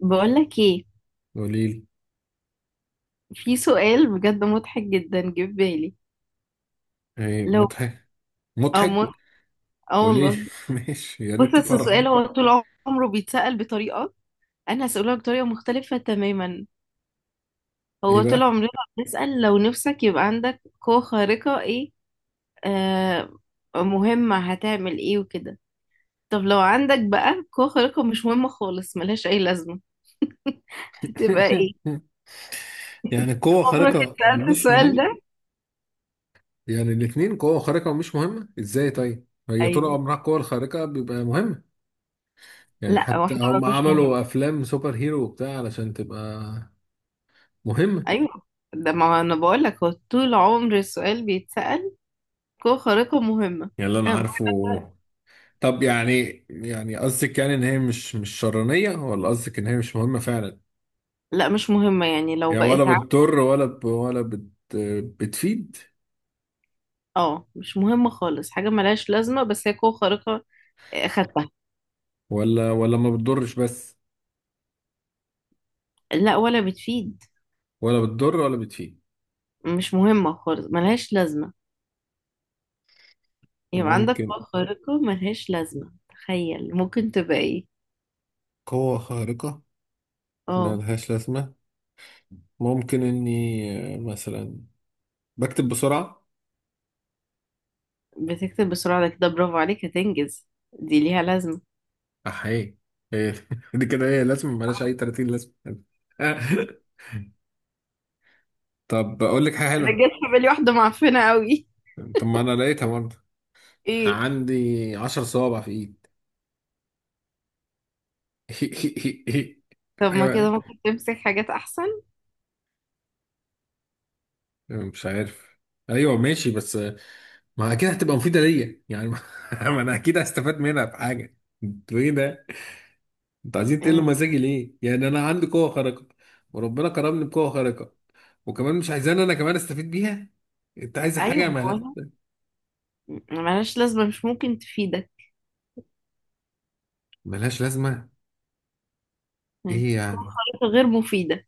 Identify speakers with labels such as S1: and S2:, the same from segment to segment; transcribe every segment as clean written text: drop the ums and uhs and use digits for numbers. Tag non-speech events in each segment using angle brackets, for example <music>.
S1: بقولك ايه؟
S2: قوليلي.
S1: في سؤال بجد مضحك جدا جه في بالي.
S2: ايه
S1: لو
S2: مضحك
S1: اه
S2: مضحك
S1: مض- آه
S2: قوليلي
S1: والله.
S2: <laughs> ماشي، يا
S1: بص،
S2: ريت
S1: بس
S2: تفرحي.
S1: السؤال هو طول عمره بيتسأل بطريقة. انا هسأله بطريقة مختلفة تماما.
S2: ايه
S1: هو طول
S2: بقى؟
S1: عمرنا بنسأل، لو نفسك يبقى عندك قوة خارقة ايه آه مهمة، هتعمل ايه وكده؟ طب لو عندك بقى قوة خارقة مش مهمة خالص، ملهاش اي لازمة، هتبقى
S2: <laughs>
S1: ايه؟
S2: يعني قوة
S1: عمرك
S2: خارقة
S1: اتسألت
S2: مش
S1: السؤال
S2: مهمة؟
S1: ده؟
S2: يعني الاتنين، قوة خارقة ومش مهمة، ازاي؟ طيب هي طول
S1: ايوه.
S2: عمرها القوة الخارقة بيبقى مهمة، يعني
S1: لا،
S2: حتى
S1: واحدة
S2: هم
S1: بقى مش مهمة.
S2: عملوا افلام سوبر هيرو وبتاع علشان تبقى مهمة.
S1: ايوه. ده ما انا بقول لك، هو طول عمر السؤال بيتسأل قوة خارقة مهمة.
S2: يعني اللي انا
S1: أنا بقول لك،
S2: عارفه. طب يعني يعني قصدك يعني ان هي مش شرانية، ولا قصدك ان هي مش مهمة فعلا؟
S1: لا مش مهمة. يعني لو
S2: يعني ولا
S1: بقت
S2: بتضر ولا ولا بتفيد؟
S1: مش مهمة خالص، حاجة ملهاش لازمة، بس هي قوة خارقة. آه، خدتها.
S2: ولا ما بتضرش، بس
S1: لا ولا بتفيد.
S2: ولا بتضر ولا بتفيد.
S1: مش مهمة خالص ملهاش لازمة. يبقى عندك
S2: ممكن
S1: قوة خارقة ملهاش لازمة، تخيل ممكن تبقى ايه؟
S2: قوة خارقة
S1: اه.
S2: ملهاش لازمة. ممكن إني مثلا بكتب بسرعة.
S1: بتكتب بسرعة ده كده برافو عليك، هتنجز. دي ليها لازمة.
S2: أحيي. إيه <laughs> دي كده هي لازمة، ملهاش
S1: آه،
S2: أي 30 لازمة <laughs> طب أقول لك حاجة
S1: انا
S2: حلوة.
S1: جت في بالي واحدة معفنة قوي.
S2: طب ما أنا لقيتها برضه.
S1: ايه.
S2: عندي 10 صوابع في إيد <laughs>
S1: طب
S2: حاجة
S1: ما كده
S2: بقى،
S1: ممكن تمسك حاجات احسن.
S2: مش عارف. أيوه ماشي، بس ما أكيد هتبقى مفيدة ليا يعني <laughs> ما أنا أكيد هستفاد منها بحاجة. أنتوا إيه ده؟ انتوا عايزين
S1: آه،
S2: تقلوا مزاجي ليه؟ يعني انا عندي قوة خارقة، وربنا كرمني بقوة خارقة، وكمان مش عايزان انا كمان استفيد بيها؟ انت عايز
S1: ايوه،
S2: حاجة
S1: ما هو ملهاش لازمه، مش ممكن تفيدك.
S2: ملهاش لازمة؟
S1: يعني
S2: ايه
S1: تكون
S2: يعني؟
S1: خريطه غير مفيده.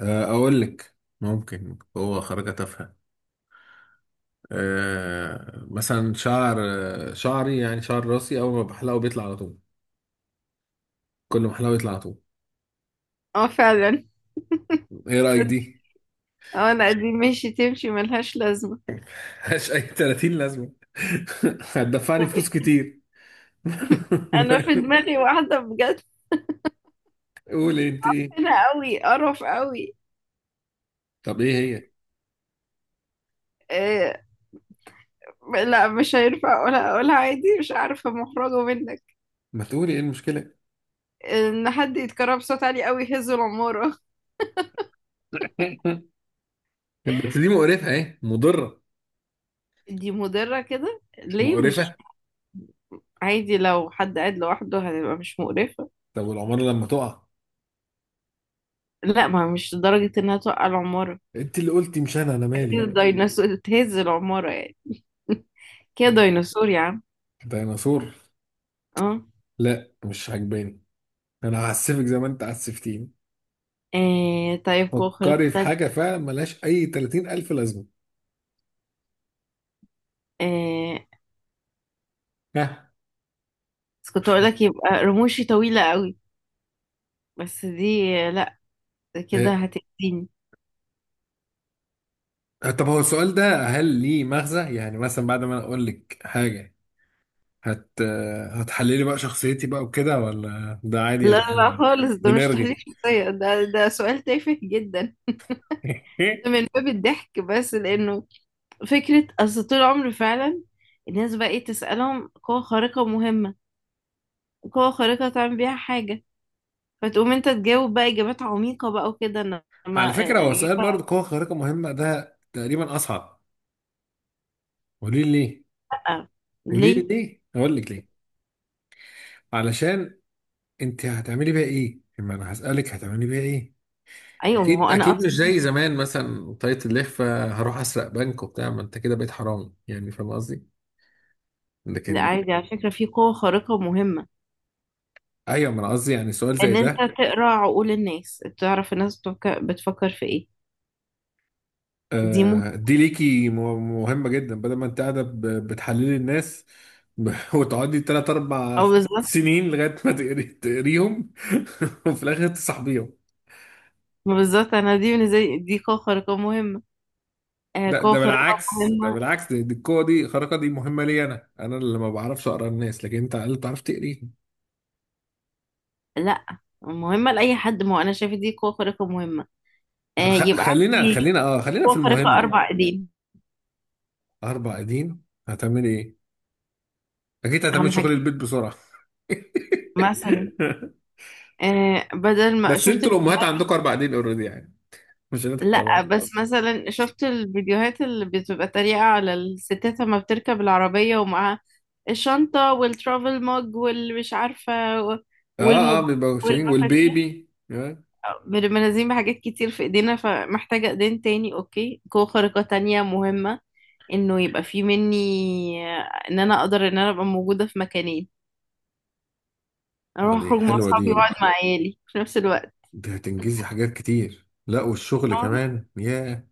S2: اقول لك. ممكن قوة خارقة تافهة. أه مثلا شعر، شعري، يعني شعر راسي، اول ما بحلقه بيطلع على طول، كل ما احلقه يطلع على طول.
S1: <laughs> اه فعلا.
S2: ايه رأيك
S1: تصدق.
S2: دي؟
S1: اه، لا دي <laughs> ماشي تمشي ملهاش لازمه.
S2: ملهاش اي 30 لازمة <laughs>
S1: <laughs>
S2: هتدفعني
S1: طب
S2: فلوس كتير <laughs>
S1: انا في دماغي واحده بجد،
S2: قولي انت ايه؟
S1: هنا قوي قرف قوي.
S2: طب ايه هي؟
S1: آه لا، مش هينفع اقولها. اقولها عادي، مش عارفه مخرجه منك.
S2: ما تقولي ايه المشكلة؟
S1: ان حد يتكرر بصوت عالي قوي يهز العماره.
S2: <laughs> بس دي مقرفه، اهي مضره.
S1: <laughs> دي مضره، كده
S2: مش
S1: ليه؟ مش.
S2: مقرفه.
S1: عادي لو حد قاعد لوحده هتبقى مش مقرفه.
S2: طب والعماره لما تقع؟
S1: لا، ما مش لدرجه انها توقع العماره.
S2: انت اللي قلتي مش انا، انا مالي.
S1: كده ديناصور تهز العمارة يعني. كده
S2: إيه؟
S1: ديناصور يا عم.
S2: ديناصور؟
S1: اه.
S2: لا مش عجباني. انا هعسفك زي ما انت عسفتيني.
S1: آه، طيب قوة خارقة
S2: فكري في
S1: تانية.
S2: حاجه فعلا ملهاش اي 30 الف لازمه.
S1: آه،
S2: ها؟
S1: بس كنت اقول لك يبقى رموشي طويلة قوي. بس دي لا، ده كده
S2: إيه.
S1: هتأذيني.
S2: طب هو السؤال ده هل ليه مغزى؟ يعني مثلا بعد ما انا اقول لك حاجه، هت هتحللي بقى شخصيتي بقى وكده، ولا ده عادي،
S1: لا
S2: يعني
S1: لا
S2: إحنا
S1: خالص، ده مش تحليل
S2: بنرغي
S1: شخصية، ده سؤال تافه جدا. ده من باب الضحك بس،
S2: <laughs>
S1: لأنه فكرة. أصل طول عمري فعلا الناس بقى ايه تسألهم، قوة خارقة مهمة، قوة خارقة تعمل بيها حاجة، فتقوم انت تجاوب بقى إجابات عميقة بقى وكده،
S2: على
S1: انما
S2: فكرة هو سؤال
S1: الإجابة
S2: برضه قوة خارقة مهمة ده تقريبا أصعب. قولي لي ليه؟
S1: آه.
S2: قولي لي
S1: ليه؟
S2: ليه؟ أقول لك ليه؟ علشان أنت هتعملي بيها إيه؟ لما أنا هسألك، هتعملي بيها إيه؟
S1: ايوه ما هو
S2: أكيد
S1: انا
S2: أكيد مش
S1: اصلا.
S2: زي زمان، مثلا طاقية اللخفة هروح أسرق بنك وبتاع، ما أنت كده بقيت حرامي، يعني فاهم قصدي؟
S1: لا،
S2: لكن
S1: عادي على فكره في قوه خارقه مهمه.
S2: أيوه، ما أنا قصدي يعني سؤال زي
S1: ان انت
S2: ده.
S1: تقرا عقول الناس، تعرف الناس بتفكر في ايه. دي مهمه.
S2: دي ليكي مهمة جدا، بدل ما انت قاعدة بتحللي الناس <laughs> وتقعدي تلات أربع
S1: او بالظبط.
S2: سنين لغاية ما تقريهم <laughs> وفي الآخر تصاحبيهم.
S1: ما بالظبط انا، دي بالنسبه لي دي قوه خارقه مهمه. آه
S2: لا،
S1: قوه
S2: ده
S1: خارقه
S2: بالعكس، ده
S1: مهمه.
S2: بالعكس، دي القوة الخارقة دي مهمة لي أنا، أنا اللي ما بعرفش أقرأ الناس، لكن أنت على الأقل بتعرف تقريهم.
S1: لا، مهمه لاي حد، ما هو انا شايفه دي قوه خارقه مهمه. آه
S2: خ-
S1: يبقى
S2: خلينا
S1: عندي
S2: خلينا أه خلينا
S1: قوه
S2: في
S1: خارقه
S2: المهمة.
S1: اربع ايدين.
S2: أربع أيدين، هتعملي إيه؟ أكيد هتعملي
S1: اهم
S2: شغل
S1: حاجه،
S2: البيت بسرعة <laughs>
S1: مثلا بدل ما
S2: بس
S1: شفت.
S2: أنتوا الأمهات عندكم أربع أيدين أوريدي يعني، مش هنضحك على
S1: لا، <laughs>
S2: بعض.
S1: بس مثلا شفت الفيديوهات اللي بتبقى تريقة على الستات لما بتركب العربية ومعاها الشنطة والترافل موج والمش عارفة
S2: اه اه،
S1: والموبايل
S2: بيبقى مشهورين
S1: والمفاتيح.
S2: والبيبي، آه.
S1: بنبقى نازلين بحاجات كتير في ايدينا، فمحتاجة ايدين تاني. اوكي، قوة خارقة تانية مهمة، انه يبقى في مني. ان انا اقدر ان انا ابقى موجودة في مكانين.
S2: آه،
S1: اروح
S2: دي
S1: اخرج مع
S2: حلوة
S1: اصحابي
S2: دي،
S1: واقعد مع عيالي في نفس الوقت.
S2: دي هتنجزي حاجات كتير، لا والشغل
S1: اه.
S2: كمان، ياه.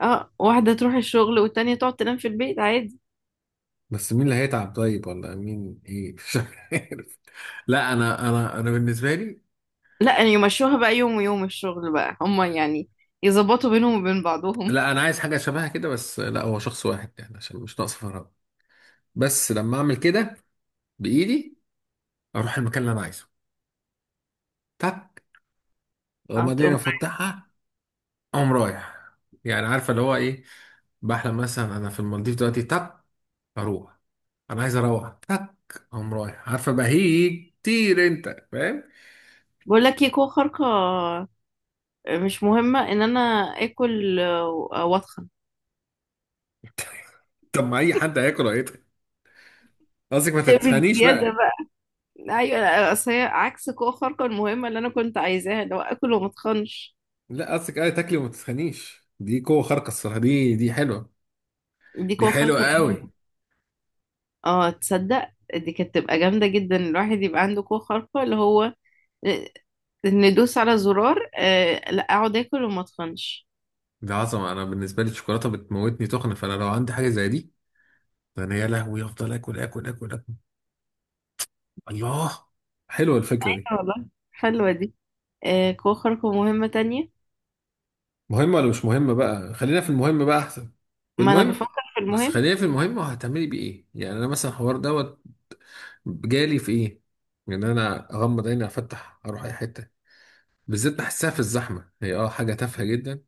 S1: آه، واحدة تروح الشغل والتانية تقعد تنام في البيت عادي.
S2: بس مين اللي هيتعب طيب؟ ولا مين؟ ايه <laughs> مش عارف. لا انا انا بالنسبة لي،
S1: لا يعني يمشوها بقى يوم ويوم الشغل بقى، هما يعني يظبطوا بينهم وبين بعضهم.
S2: لا انا عايز حاجة شبهها كده بس، لا هو شخص واحد يعني عشان مش ناقص فراغ. بس لما اعمل كده بايدي، اروح المكان اللي انا عايزه. تك، وبعدين
S1: هتقوم.
S2: افتحها، اقوم رايح. يعني عارفة اللي هو ايه، بحلم مثلا انا في المالديف دلوقتي، تك، اروح، انا عايز اروح، تك، قام رايح، عارفه بهيج كتير، انت فاهم؟
S1: بقول لك ايه، قوة خارقة مش مهمة، ان انا اكل واتخن.
S2: <laughs> طب ما اي حد هياكل هيتخن. قصدك ما تتخنيش
S1: بزيادة
S2: بقى.
S1: بقى. ايوه، اصل هي عكس قوة خارقة المهمة اللي انا كنت عايزاها، اللي هو اكل وما اتخنش.
S2: لا قصدك ايه؟ تاكلي وما تتخنيش، دي قوه خارقه الصراحه، دي دي حلوه،
S1: دي
S2: دي
S1: قوة
S2: حلوه
S1: خارقة
S2: قوي،
S1: مهمة. اه تصدق دي كانت تبقى جامدة جدا، الواحد يبقى عنده قوة خارقة اللي هو آه، ندوس على زرار. لا اقعد اكل وما اتخنش.
S2: دي عظمه. انا بالنسبه لي الشوكولاته بتموتني تخن، فانا لو عندي حاجه زي دي، فانا يا لهوي افضل اكل اكل اكل اكل. الله، حلوه الفكره دي.
S1: حلوة والله، حلوة دي. آه، كوخرك ومهمة تانية.
S2: مهمه ولا مش مهمه بقى؟ خلينا في المهم بقى احسن.
S1: ما أنا
S2: المهم،
S1: بفكر في
S2: بس
S1: المهم.
S2: خلينا في المهم، وهتعملي بيه ايه؟ يعني انا مثلا الحوار دوت جالي في ايه، ان انا اغمض عيني افتح اروح اي حته. بالذات بحسها في الزحمه، هي اه حاجه تافهه جدا،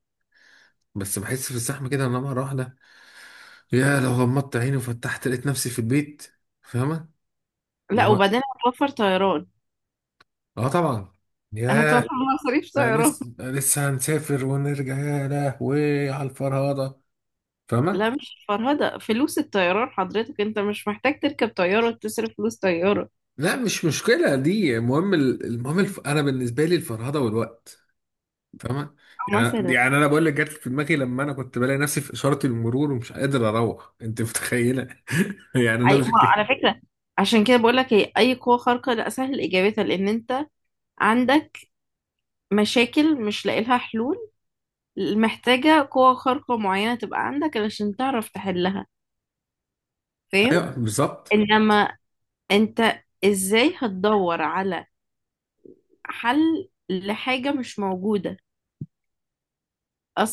S2: بس بحس في الزحمه كده، ان انا مره واحده يا لو غمضت عيني وفتحت لقيت نفسي في البيت، فاهمه؟ اللي
S1: لا
S2: هو
S1: وبعدين هتوفر طيران.
S2: اه طبعا،
S1: هتوفر
S2: ياه.
S1: <laughs> مصاريف
S2: انا
S1: طيران.
S2: لسه، أنا لسه هنسافر ونرجع يا لهوي على الفرهده،
S1: لا
S2: فاهمه؟
S1: مش فرهدة، فلوس الطيران حضرتك، أنت مش محتاج تركب طيارة وتصرف فلوس طيارة.
S2: لا مش مشكله دي، المهم المهم انا بالنسبه لي الفرهده والوقت، فاهمة؟ يعني
S1: مثلا.
S2: يعني انا بقول لك جت في دماغي لما انا كنت بلاقي نفسي في اشارة المرور ومش قادر اروح، انت متخيلة؟ <laughs> يعني انا
S1: أي
S2: مش
S1: ما
S2: كده.
S1: على فكرة، عشان كده بقول لك، هي أي قوة خارقة لا سهل إجابتها، لأن أنت عندك مشاكل مش لاقي لها حلول، محتاجة قوة خارقة معينة تبقى عندك علشان تعرف تحلها. فاهم.
S2: ايوه بالظبط.
S1: إنما أنت ازاي هتدور على حل لحاجة مش موجودة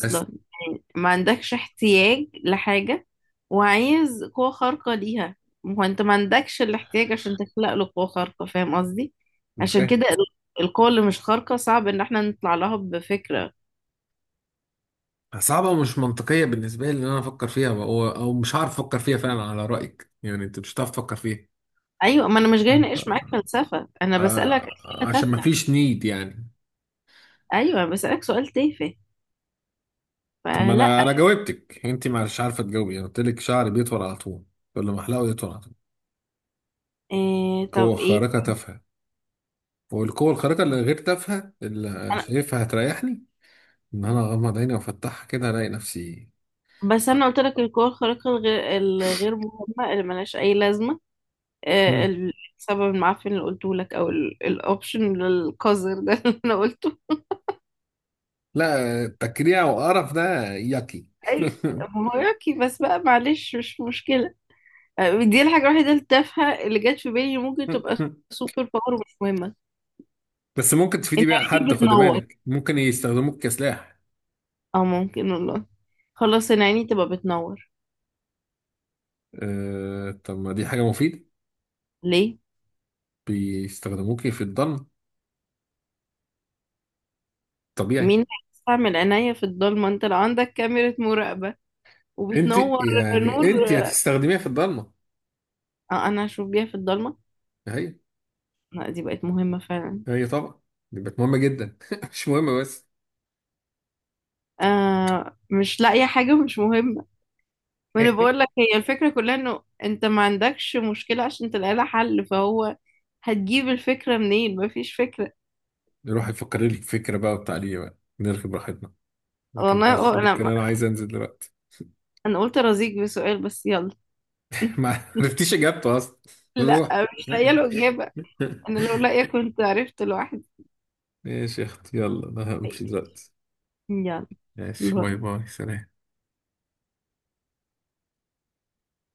S2: بس
S1: يعني ما عندكش احتياج لحاجة وعايز قوة خارقة ليها، ما هو أنت ما عندكش الاحتياج عشان تخلق له قوة خارقة، فاهم قصدي؟
S2: أنا
S1: عشان
S2: فاهم.
S1: كده القوة اللي مش خارقة صعب إن احنا نطلع لها بفكرة.
S2: صعبة ومش منطقية بالنسبة لي ان انا افكر فيها، او مش هعرف افكر فيها فعلا على رأيك، يعني انت مش هتعرف تفكر فيها.
S1: أيوة ما أنا مش جاي أناقش معاك
S2: آه،
S1: فلسفة، أنا بسألك
S2: آه،
S1: أسئلة
S2: عشان ما
S1: تافهة.
S2: فيش نيد يعني.
S1: أيوة بسألك سؤال تافه
S2: طب ما
S1: فلا.
S2: انا، انا جاوبتك انت ما مش عارفة تجاوبي. انا قلت لك شعري بيطول على طول، كل ما احلقه يطول على طول.
S1: إيه طب
S2: قوة
S1: إيه.
S2: خارقة تافهة. والقوة الخارقة اللي غير تافهة اللي
S1: أنا،
S2: شايفها هتريحني، إن أنا أغمض عيني وأفتحها كده ألاقي نفسي.
S1: بس أنا قلت لك القوة الخارقة الغير مهمة اللي ملهاش أي لازمة. آه،
S2: مم.
S1: السبب المعفن اللي قلته لك او الاوبشن القذر ده <laughs> اللي انا قلته.
S2: لا تكريع وقرف ده يقي
S1: ايوه.
S2: <laughs>
S1: هوراكي بس بقى، معلش مش مشكله. آه، دي الحاجه الوحيده التافهه اللي جت في بالي، ممكن تبقى سوبر باور ومش مهمه.
S2: بس ممكن تفيدي
S1: انت
S2: بيها
S1: عيني
S2: حد، خدي
S1: بتنور.
S2: بالك، ممكن يستخدموك كسلاح.
S1: اه ممكن والله. خلاص انا عيني تبقى بتنور.
S2: أه طب ما دي حاجة مفيدة،
S1: ليه؟
S2: بيستخدموكي في الضلمة، طبيعي.
S1: مين هيستعمل عينيا في الضلمه؟ انت لو عندك كاميرا مراقبه
S2: أنت
S1: وبتنور، نور.
S2: يعني أنت هتستخدميها في الضلمة.
S1: اه انا هشوف بيها في الضلمه.
S2: هي،
S1: لا دي بقت مهمه فعلا.
S2: هي طبعا، دي بقت مهمة جدا <laughs> مش مهمة بس
S1: آه مش لاقيه حاجه مش مهمه. ما انا بقول لك
S2: <laughs>
S1: هي الفكره كلها، انه انت ما عندكش مشكله عشان تلاقي لها حل، فهو هتجيب الفكره منين؟ ما فيش فكره.
S2: نروح يفكر لي في فكرة بقى وبتاع ليه بقى نركب راحتنا، ما
S1: والله
S2: كناش
S1: اه، انا
S2: كان
S1: ما-
S2: انا عايز انزل دلوقتي.
S1: انا قلت ارازيك بسؤال بس، يلا.
S2: <laughs>
S1: <laughs>
S2: ما عرفتيش اجابته اصلا.
S1: لا
S2: روح
S1: مش لاقيه له
S2: <laughs>
S1: اجابه. انا لو لاقيه كنت عرفت لوحدي.
S2: ماشي يا اختي، يلا انا همشي دلوقتي.
S1: يلا.
S2: ماشي، باي
S1: باي.
S2: باي، سلام.